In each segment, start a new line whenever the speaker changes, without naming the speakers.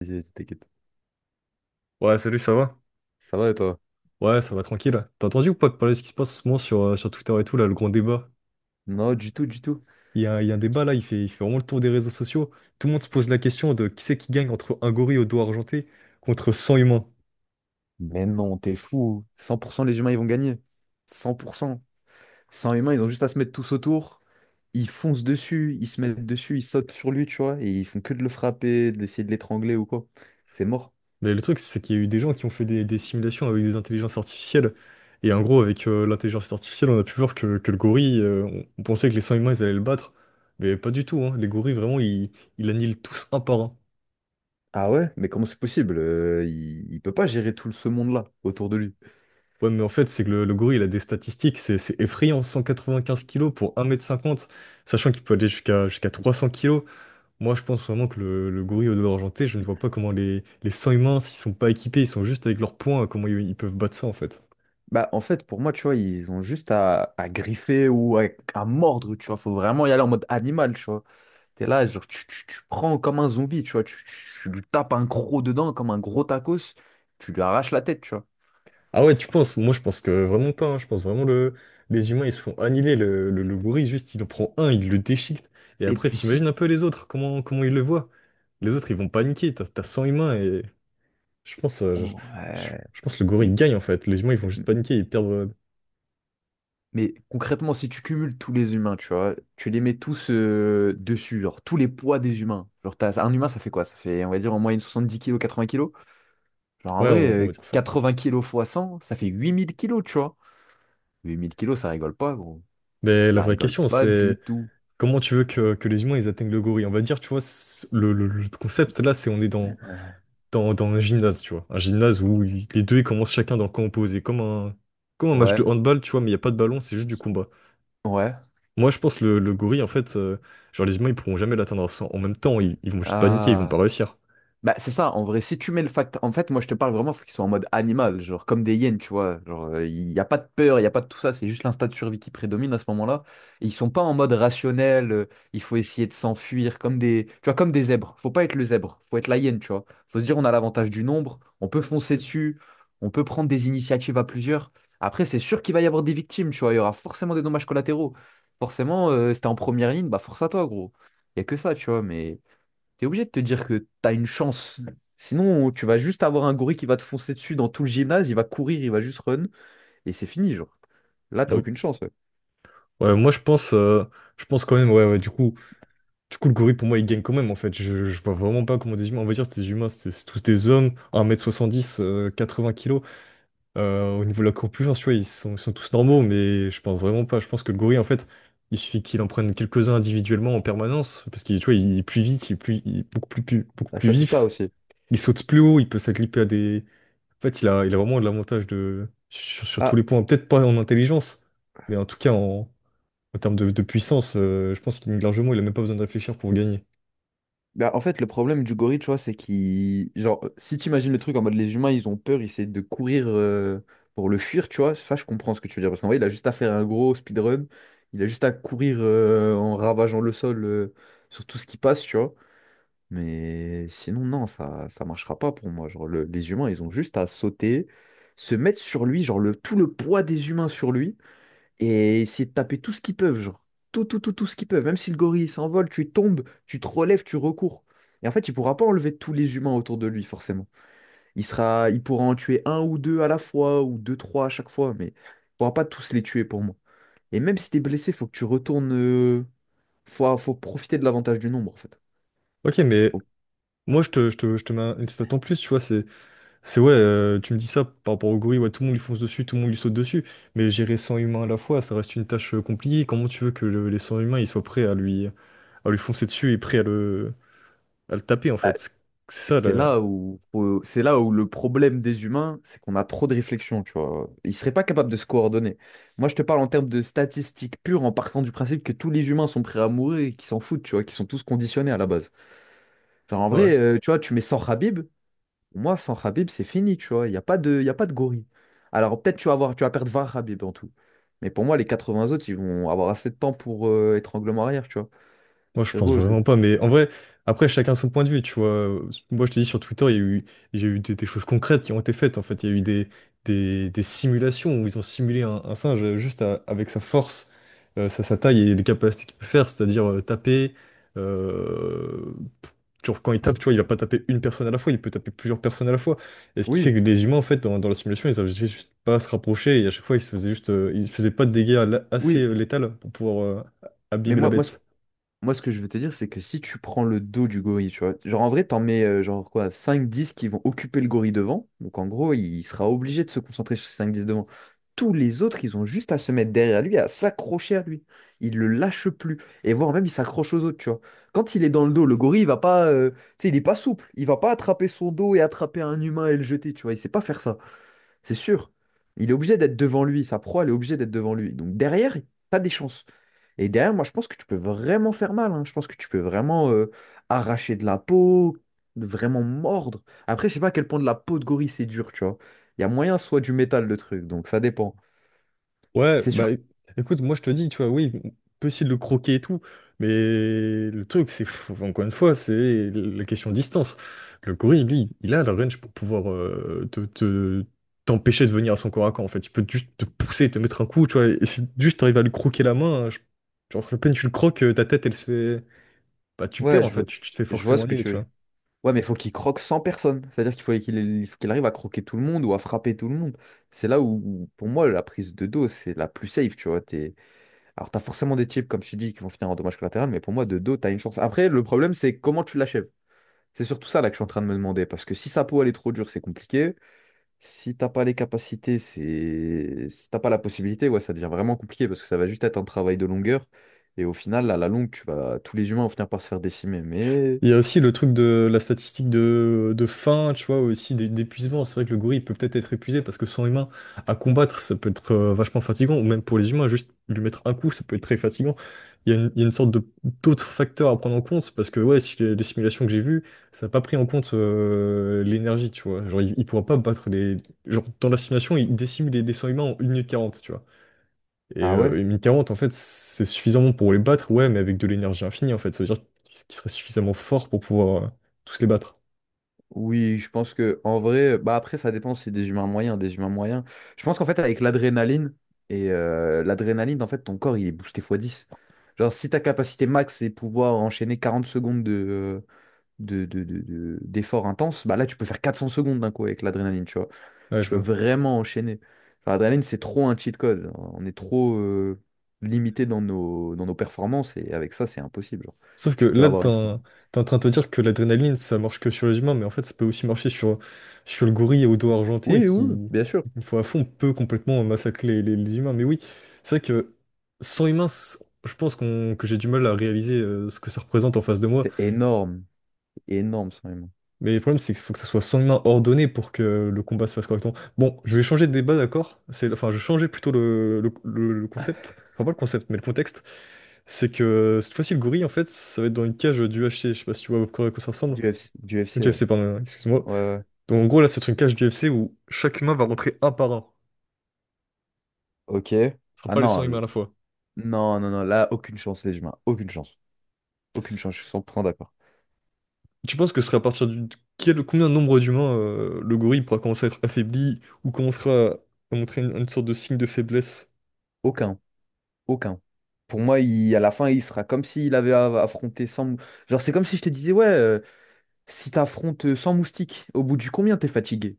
Vas-y, vas-y, t'inquiète.
Ouais, salut, ça va?
Ça va et toi?
Ouais, ça va tranquille. T'as entendu ou pas de parler de ce qui se passe en ce moment sur Twitter et tout, là, le grand débat?
Non, du tout, du tout.
Il y a un débat là, il fait vraiment le tour des réseaux sociaux. Tout le monde se pose la question de qui c'est qui gagne entre un gorille au doigt argenté contre 100 humains.
Mais non, t'es fou. 100%, les humains, ils vont gagner. 100%. 100 humains, ils ont juste à se mettre tous autour. Ils foncent dessus, ils se mettent dessus, ils sautent sur lui, tu vois. Et ils font que de le frapper, d'essayer de l'étrangler ou quoi. C'est mort.
Mais le truc, c'est qu'il y a eu des gens qui ont fait des simulations avec des intelligences artificielles. Et en gros, avec l'intelligence artificielle, on a pu voir que le gorille, on pensait que les 100 humains, ils allaient le battre. Mais pas du tout, hein. Les gorilles, vraiment, ils annihilent tous un par un.
Ah ouais? Mais comment c'est possible? Il peut pas gérer tout ce monde-là autour de lui.
Ouais, mais en fait, c'est que le gorille, il a des statistiques, c'est effrayant, 195 kilos pour 1,50 m sachant qu'il peut aller jusqu'à 300 kilos. Moi, je pense vraiment que le gorille au dos argenté, je ne vois pas comment les sangs humains, s'ils sont pas équipés, ils sont juste avec leurs poings, comment ils peuvent battre ça, en fait.
Bah, en fait, pour moi, tu vois, ils ont juste à griffer ou à mordre, tu vois. Faut vraiment y aller en mode animal, tu vois. T'es là, genre, tu prends comme un zombie, tu vois, tu lui tapes un croc dedans comme un gros tacos, tu lui arraches la tête, tu vois.
Ah ouais, tu penses? Moi, je pense que vraiment pas, hein. Je pense vraiment les humains, ils se font annihiler. Le gorille, juste, il en prend un, il le déchiquette. Et
Et
après,
puis
t'imagines
si...
un peu les autres, comment ils le voient? Les autres, ils vont paniquer, t'as 100 humains et... Je pense, euh, je,
oh,
je-
ouais.
je pense que le gorille
M-
gagne en fait. Les humains ils vont juste
m-
paniquer, ils perdent.
Mais concrètement, si tu cumules tous les humains, tu vois, tu les mets tous dessus, genre, tous les poids des humains. Genre, t'as- un humain, ça fait quoi? Ça fait, on va dire, en moyenne 70 kilos, 80 kilos. Genre, en
Ouais,
vrai,
on va dire ça.
80 kilos fois 100 ça fait 8 000 kilos, tu vois. 8 000 kilos, ça rigole pas, gros.
Mais la
Ça
vraie
rigole
question
pas du
c'est
tout.
comment tu veux que les humains ils atteignent le gorille? On va dire, tu vois, le concept là c'est on est dans un gymnase, tu vois. Un gymnase où les deux ils commencent chacun dans le camp opposé, comme un match de
Ouais,
handball, tu vois, mais il n'y a pas de ballon, c'est juste du combat.
ouais.
Moi je pense le gorille en fait, genre les humains ils pourront jamais l'atteindre. En même temps, ils vont juste paniquer, ils vont pas
Ah.
réussir.
Bah, c'est ça, en vrai, si tu mets le fact... En fait, moi, je te parle vraiment, faut qu'ils soient en mode animal, genre comme des hyènes, tu vois. Genre, il n'y a pas de peur, il n'y a pas de tout ça, c'est juste l'instinct de survie qui prédomine à ce moment-là. Et ils sont pas en mode rationnel, il faut essayer de s'enfuir, comme des... Tu vois, comme des zèbres. Faut pas être le zèbre, faut être la hyène, tu vois. Faut se dire, on a l'avantage du nombre, on peut foncer dessus, on peut prendre des initiatives à plusieurs. Après, c'est sûr qu'il va y avoir des victimes, tu vois, il y aura forcément des dommages collatéraux. Forcément, si t'es en première ligne, bah force à toi, gros. Il n'y a que ça, tu vois, mais t'es obligé de te dire que t'as une chance. Sinon, tu vas juste avoir un gorille qui va te foncer dessus dans tout le gymnase, il va courir, il va juste run, et c'est fini, genre. Là, t'as
Ouais,
aucune chance. Ouais.
ouais, moi je pense quand même, ouais, ouais, du coup. Du coup, le gorille, pour moi, il gagne quand même, en fait. Je vois vraiment pas comment des humains. On va dire, c'est des humains, c'est tous des hommes, 1,70 m, 80 kilos. Au niveau de la corpulence, tu vois, ils sont tous normaux, mais je pense vraiment pas. Je pense que le gorille, en fait, il suffit qu'il en prenne quelques-uns individuellement en permanence, parce qu'il, tu vois, il est plus vite, il est beaucoup plus, beaucoup
Ah,
plus
ça, c'est ça
vif.
aussi.
Il saute plus haut, il peut s'agripper à des. En fait, il a vraiment de l'avantage sur tous
Bah,
les points. Peut-être pas en intelligence, mais en tout cas, en termes de puissance, je pense qu'il largement, il a même pas besoin de réfléchir pour gagner.
bah, en fait, le problème du gorille, tu vois, c'est qu'il... Genre, si t'imagines le truc en mode les humains, ils ont peur, ils essaient de courir pour le fuir, tu vois, ça, je comprends ce que tu veux dire. Parce qu'en vrai, il a juste à faire un gros speedrun, il a juste à courir en ravageant le sol sur tout ce qui passe, tu vois. Mais sinon, non, ça marchera pas pour moi. Genre, le- les humains, ils ont juste à sauter, se mettre sur lui, genre le, tout le poids des humains sur lui, et essayer de taper tout ce qu'ils peuvent, genre. Tout, tout, tout, tout ce qu'ils peuvent. Même si le gorille il s'envole, tu tombes, tu te relèves, tu recours. Et en fait, il pourra pas enlever tous les humains autour de lui, forcément. Il sera, il pourra en tuer un ou deux à la fois, ou deux, trois à chaque fois, mais il pourra pas tous les tuer pour moi. Et même si t'es blessé, faut que tu retournes. Faut, faut profiter de l'avantage du nombre, en fait.
Ok, mais moi je te mets une stat en plus, tu vois, c'est ouais, tu me dis ça par rapport au gorille, ouais, tout le monde lui fonce dessus, tout le monde lui saute dessus, mais gérer 100 humains à la fois, ça reste une tâche compliquée, comment tu veux que les 100 humains ils soient prêts à lui foncer dessus et prêts à le taper en fait, c'est ça
C'est
là,
là où, c'est là où le problème des humains, c'est qu'on a trop de réflexion, tu vois. Ils seraient pas capables de se coordonner. Moi, je te parle en termes de statistiques pures, en partant du principe que tous les humains sont prêts à mourir et qu'ils s'en foutent, tu vois, qu'ils sont tous conditionnés à la base. Enfin, en
ouais.
vrai, tu vois, tu mets sans Khabib, moi, sans Khabib, c'est fini, tu vois. Il y a pas de gorille. Alors, peut-être tu vas avoir, tu vas perdre 20 Khabib en tout. Mais pour moi, les 80 autres, ils vont avoir assez de temps pour étranglement arrière, tu vois.
Moi, je pense
Frérot, le-
vraiment pas, mais en vrai, après, chacun son point de vue, tu vois. Moi, je te dis, sur Twitter, il y a eu des choses concrètes qui ont été faites, en fait. Il y a eu des simulations où ils ont simulé un singe juste avec sa force, sa taille et les capacités qu'il peut faire, c'est-à-dire taper. euh, genre, quand il tape, tu vois, il va pas taper une personne à la fois, il peut taper plusieurs personnes à la fois. Et ce qui fait
oui,
que les humains, en fait, dans la simulation, ils avaient juste pas à se rapprocher et à chaque fois, ils faisaient pas de dégâts assez
oui.
létals pour pouvoir
Mais
abîmer la
moi, moi, ce
bête.
Moi, ce que je veux te dire, c'est que si tu prends le dos du gorille, tu vois, genre en vrai, t'en mets genre quoi, cinq dix qui vont occuper le gorille devant. Donc en gros, il sera obligé de se concentrer sur ces 5-10 devant. Tous les autres, ils ont juste à se mettre derrière lui, à s'accrocher à lui. Il le lâche plus. Et voire même, il s'accroche aux autres, tu vois. Quand il est dans le dos, le gorille, il va pas, tu sais, il est pas souple. Il va pas attraper son dos et attraper un humain et le jeter, tu vois. Il sait pas faire ça. C'est sûr. Il est obligé d'être devant lui. Sa proie, elle est obligée d'être devant lui. Donc derrière, t'as des chances. Et derrière, moi, je pense que tu peux vraiment faire mal, hein. Je pense que tu peux vraiment arracher de la peau, vraiment mordre. Après, je sais pas à quel point de la peau de gorille c'est dur, tu vois. Il y a moyen soit du métal, le truc. Donc ça dépend.
Ouais,
C'est sûr.
bah écoute, moi je te dis, tu vois, oui, on peut essayer de le croquer et tout, mais le truc, encore une fois, c'est la question de distance. Le gorille, lui, il a la range pour pouvoir t'empêcher de venir à son corps à corps, en fait. Il peut juste te pousser, te mettre un coup, tu vois, et si juste t'arrives à lui croquer la main, hein, genre, à peine tu le croques, ta tête, elle se fait. Bah, tu
Ouais,
perds, en
je,
fait,
vois-
tu te fais
je vois
forcément
ce que
nier,
tu
tu
veux dire.
vois.
Ouais, mais il faut qu'il croque sans personne. C'est-à-dire qu'il faut qu'il il faut qu'il arrive à croquer tout le monde ou à frapper tout le monde. C'est là où, où, pour moi, la prise de dos, c'est la plus safe, tu vois. T'es- Alors, tu as forcément des types, comme tu dis, qui vont finir en dommage collatéral, mais pour moi, de dos, tu as une chance. Après, le problème, c'est comment tu l'achèves. C'est surtout ça là que je suis en train de me demander, parce que si sa peau, elle est trop dure, c'est compliqué. Si t'as pas les capacités, c'est... Si t'as pas la possibilité, ouais, ça devient vraiment compliqué, parce que ça va juste être un travail de longueur. Et au final, à la longue, tu vas... tous les humains vont finir par se faire décimer. Mais...
Il y a aussi le truc de la statistique de faim, tu vois, aussi d'épuisement. C'est vrai que le gorille peut peut-être être épuisé parce que son humain à combattre, ça peut être vachement fatigant, ou même pour les humains, juste lui mettre un coup, ça peut être très fatigant. Il y a une sorte de d'autres facteurs à prendre en compte parce que, ouais, si les simulations que j'ai vues, ça n'a pas pris en compte l'énergie, tu vois. Genre, il pourra pas battre les. Genre, dans la simulation, il décime des 100 humains en 1 min 40 tu vois. Et,
Ah
euh,
ouais?
et 1040, en fait, c'est suffisamment pour les battre, ouais, mais avec de l'énergie infinie, en fait. Ça veut dire qu'ils seraient suffisamment forts pour pouvoir tous les battre.
Oui, je pense que en vrai, bah après ça dépend si c'est des humains moyens, des humains moyens. Je pense qu'en fait avec l'adrénaline et l'adrénaline en fait ton corps il est boosté fois 10. Genre si ta capacité max c'est pouvoir enchaîner 40 secondes de d'efforts intenses, bah là tu peux faire 400 secondes d'un coup avec l'adrénaline, tu vois.
Ouais,
Tu
je
peux
vois.
vraiment enchaîner. Enfin, l'adrénaline c'est trop un cheat code. On est trop limité dans nos performances et avec ça c'est impossible, genre.
Sauf que
Tu peux
là,
avoir
t'es
une
en t'es en train de te dire que l'adrénaline, ça marche que sur les humains, mais en fait, ça peut aussi marcher sur le gorille au dos argenté
Oui, oui, oui,
qui,
bien sûr.
une fois à fond, peut complètement massacrer les humains. Mais oui, c'est vrai que sans humains, je pense que j'ai du mal à réaliser ce que ça représente en face de moi.
C'est énorme. Énorme, son même.
Mais le problème, c'est qu'il faut que ça soit soigneusement ordonné pour que le combat se fasse correctement. Bon, je vais changer de débat, d'accord? Enfin, je changeais plutôt le concept. Enfin, pas le concept, mais le contexte. C'est que cette fois-ci, le gorille, en fait, ça va être dans une cage du UFC. Je sais pas si tu vois à quoi ça ressemble.
Du FC, du
Du
FC, ouais.
UFC, pardon, hein, excuse-moi.
Ouais, ouais.
Donc, en gros, là, c'est une cage du UFC où chaque humain va rentrer un par un.
Ok.
Ce sera
Ah
pas les 100
non,
humains à
l-
la fois.
non, non, non, là, aucune chance, les humains. Aucune chance. Aucune chance, je suis 100% d'accord.
Tu penses que ce serait à partir du. Combien de nombre d'humains le gorille pourra commencer à être affaibli ou commencera à montrer une sorte de signe de faiblesse?
Aucun, aucun. Pour moi, il, à la fin, il sera comme s'il avait a- affronté 100... mou- Genre, c'est comme si je te disais, ouais, si t'affrontes 100 moustiques, au bout du combien t'es fatigué?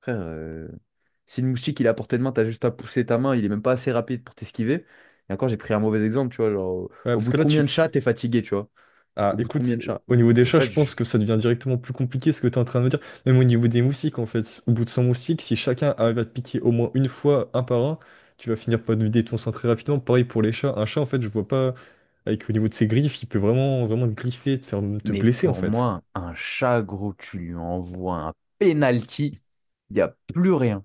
Frère, si le moustique, il est à portée de main, t'as juste à pousser ta main, il est même pas assez rapide pour t'esquiver. Et encore, j'ai pris un mauvais exemple, tu vois, genre, au,
Ouais,
au
parce
bout
que
de
là,
combien de chats t'es fatigué, tu vois?
ah,
Au bout de combien
écoute,
de chats?
au niveau des
Le
chats,
chat,
je pense que ça devient directement plus compliqué ce que tu es en train de me dire. Même au niveau des moustiques, en fait. Au bout de 100 moustiques, si chacun arrive à te piquer au moins une fois, un par un, tu vas finir par te vider ton sang très rapidement. Pareil pour les chats. Un chat, en fait, je vois pas, avec au niveau de ses griffes, il peut vraiment, vraiment te griffer, te faire te
mais
blesser, en
pour
fait.
moi, un chat, gros, tu lui envoies un penalty, il n'y a plus rien.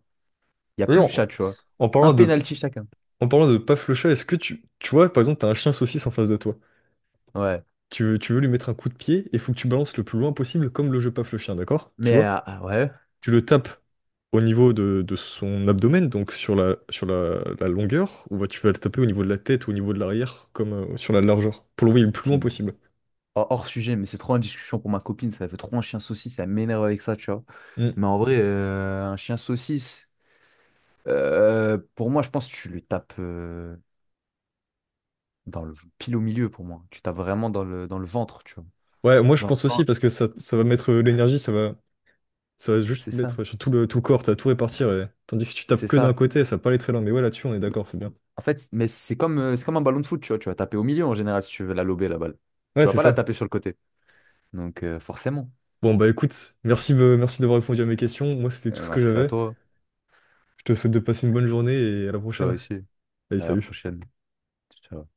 Il n'y a plus
D'ailleurs,
de chat, tu vois.
en
Un
parlant de,
penalty chacun.
en parlant de paf le chat, est-ce que tu vois, par exemple, t'as un chien saucisse en face de toi.
Ouais.
Tu veux lui mettre un coup de pied et faut que tu balances le plus loin possible, comme le jeu paf le chien, d'accord? Tu
Mais
vois?
ah ouais.
Tu le tapes au niveau de son abdomen, donc sur la longueur, ou bah, tu vas le taper au niveau de la tête ou au niveau de l'arrière, comme sur la largeur, pour l'envoyer le plus loin
Puis,
possible.
hors sujet, mais c'est trop une discussion pour ma copine. Ça fait trop un chien saucisse, ça m'énerve avec ça, tu vois.
Mm.
Mais en vrai, un chien saucisse, pour moi, je pense que tu lui tapes dans le pile au milieu pour moi. Tu tapes vraiment dans le ventre, tu vois.
Ouais, moi je
Dans le
pense aussi,
ventre,
parce que ça va mettre l'énergie, ça va juste
c'est ça.
mettre sur tout le corps, t'as tout répartir, tandis que si tu tapes
C'est
que d'un
ça.
côté, ça va pas aller très loin, mais ouais, là-dessus on est d'accord, c'est bien.
En fait, mais c'est comme un ballon de foot, tu vois. Tu vas taper au milieu en général si tu veux la lober, la balle.
Ouais,
Tu vas
c'est
pas la
ça.
taper sur le côté. Donc, forcément.
Bon, bah écoute, merci d'avoir répondu à mes questions, moi c'était tout ce que
Merci à
j'avais,
toi.
je te souhaite de passer une bonne journée et à la
Toi
prochaine.
aussi.
Allez,
À la
salut.
prochaine. Ciao.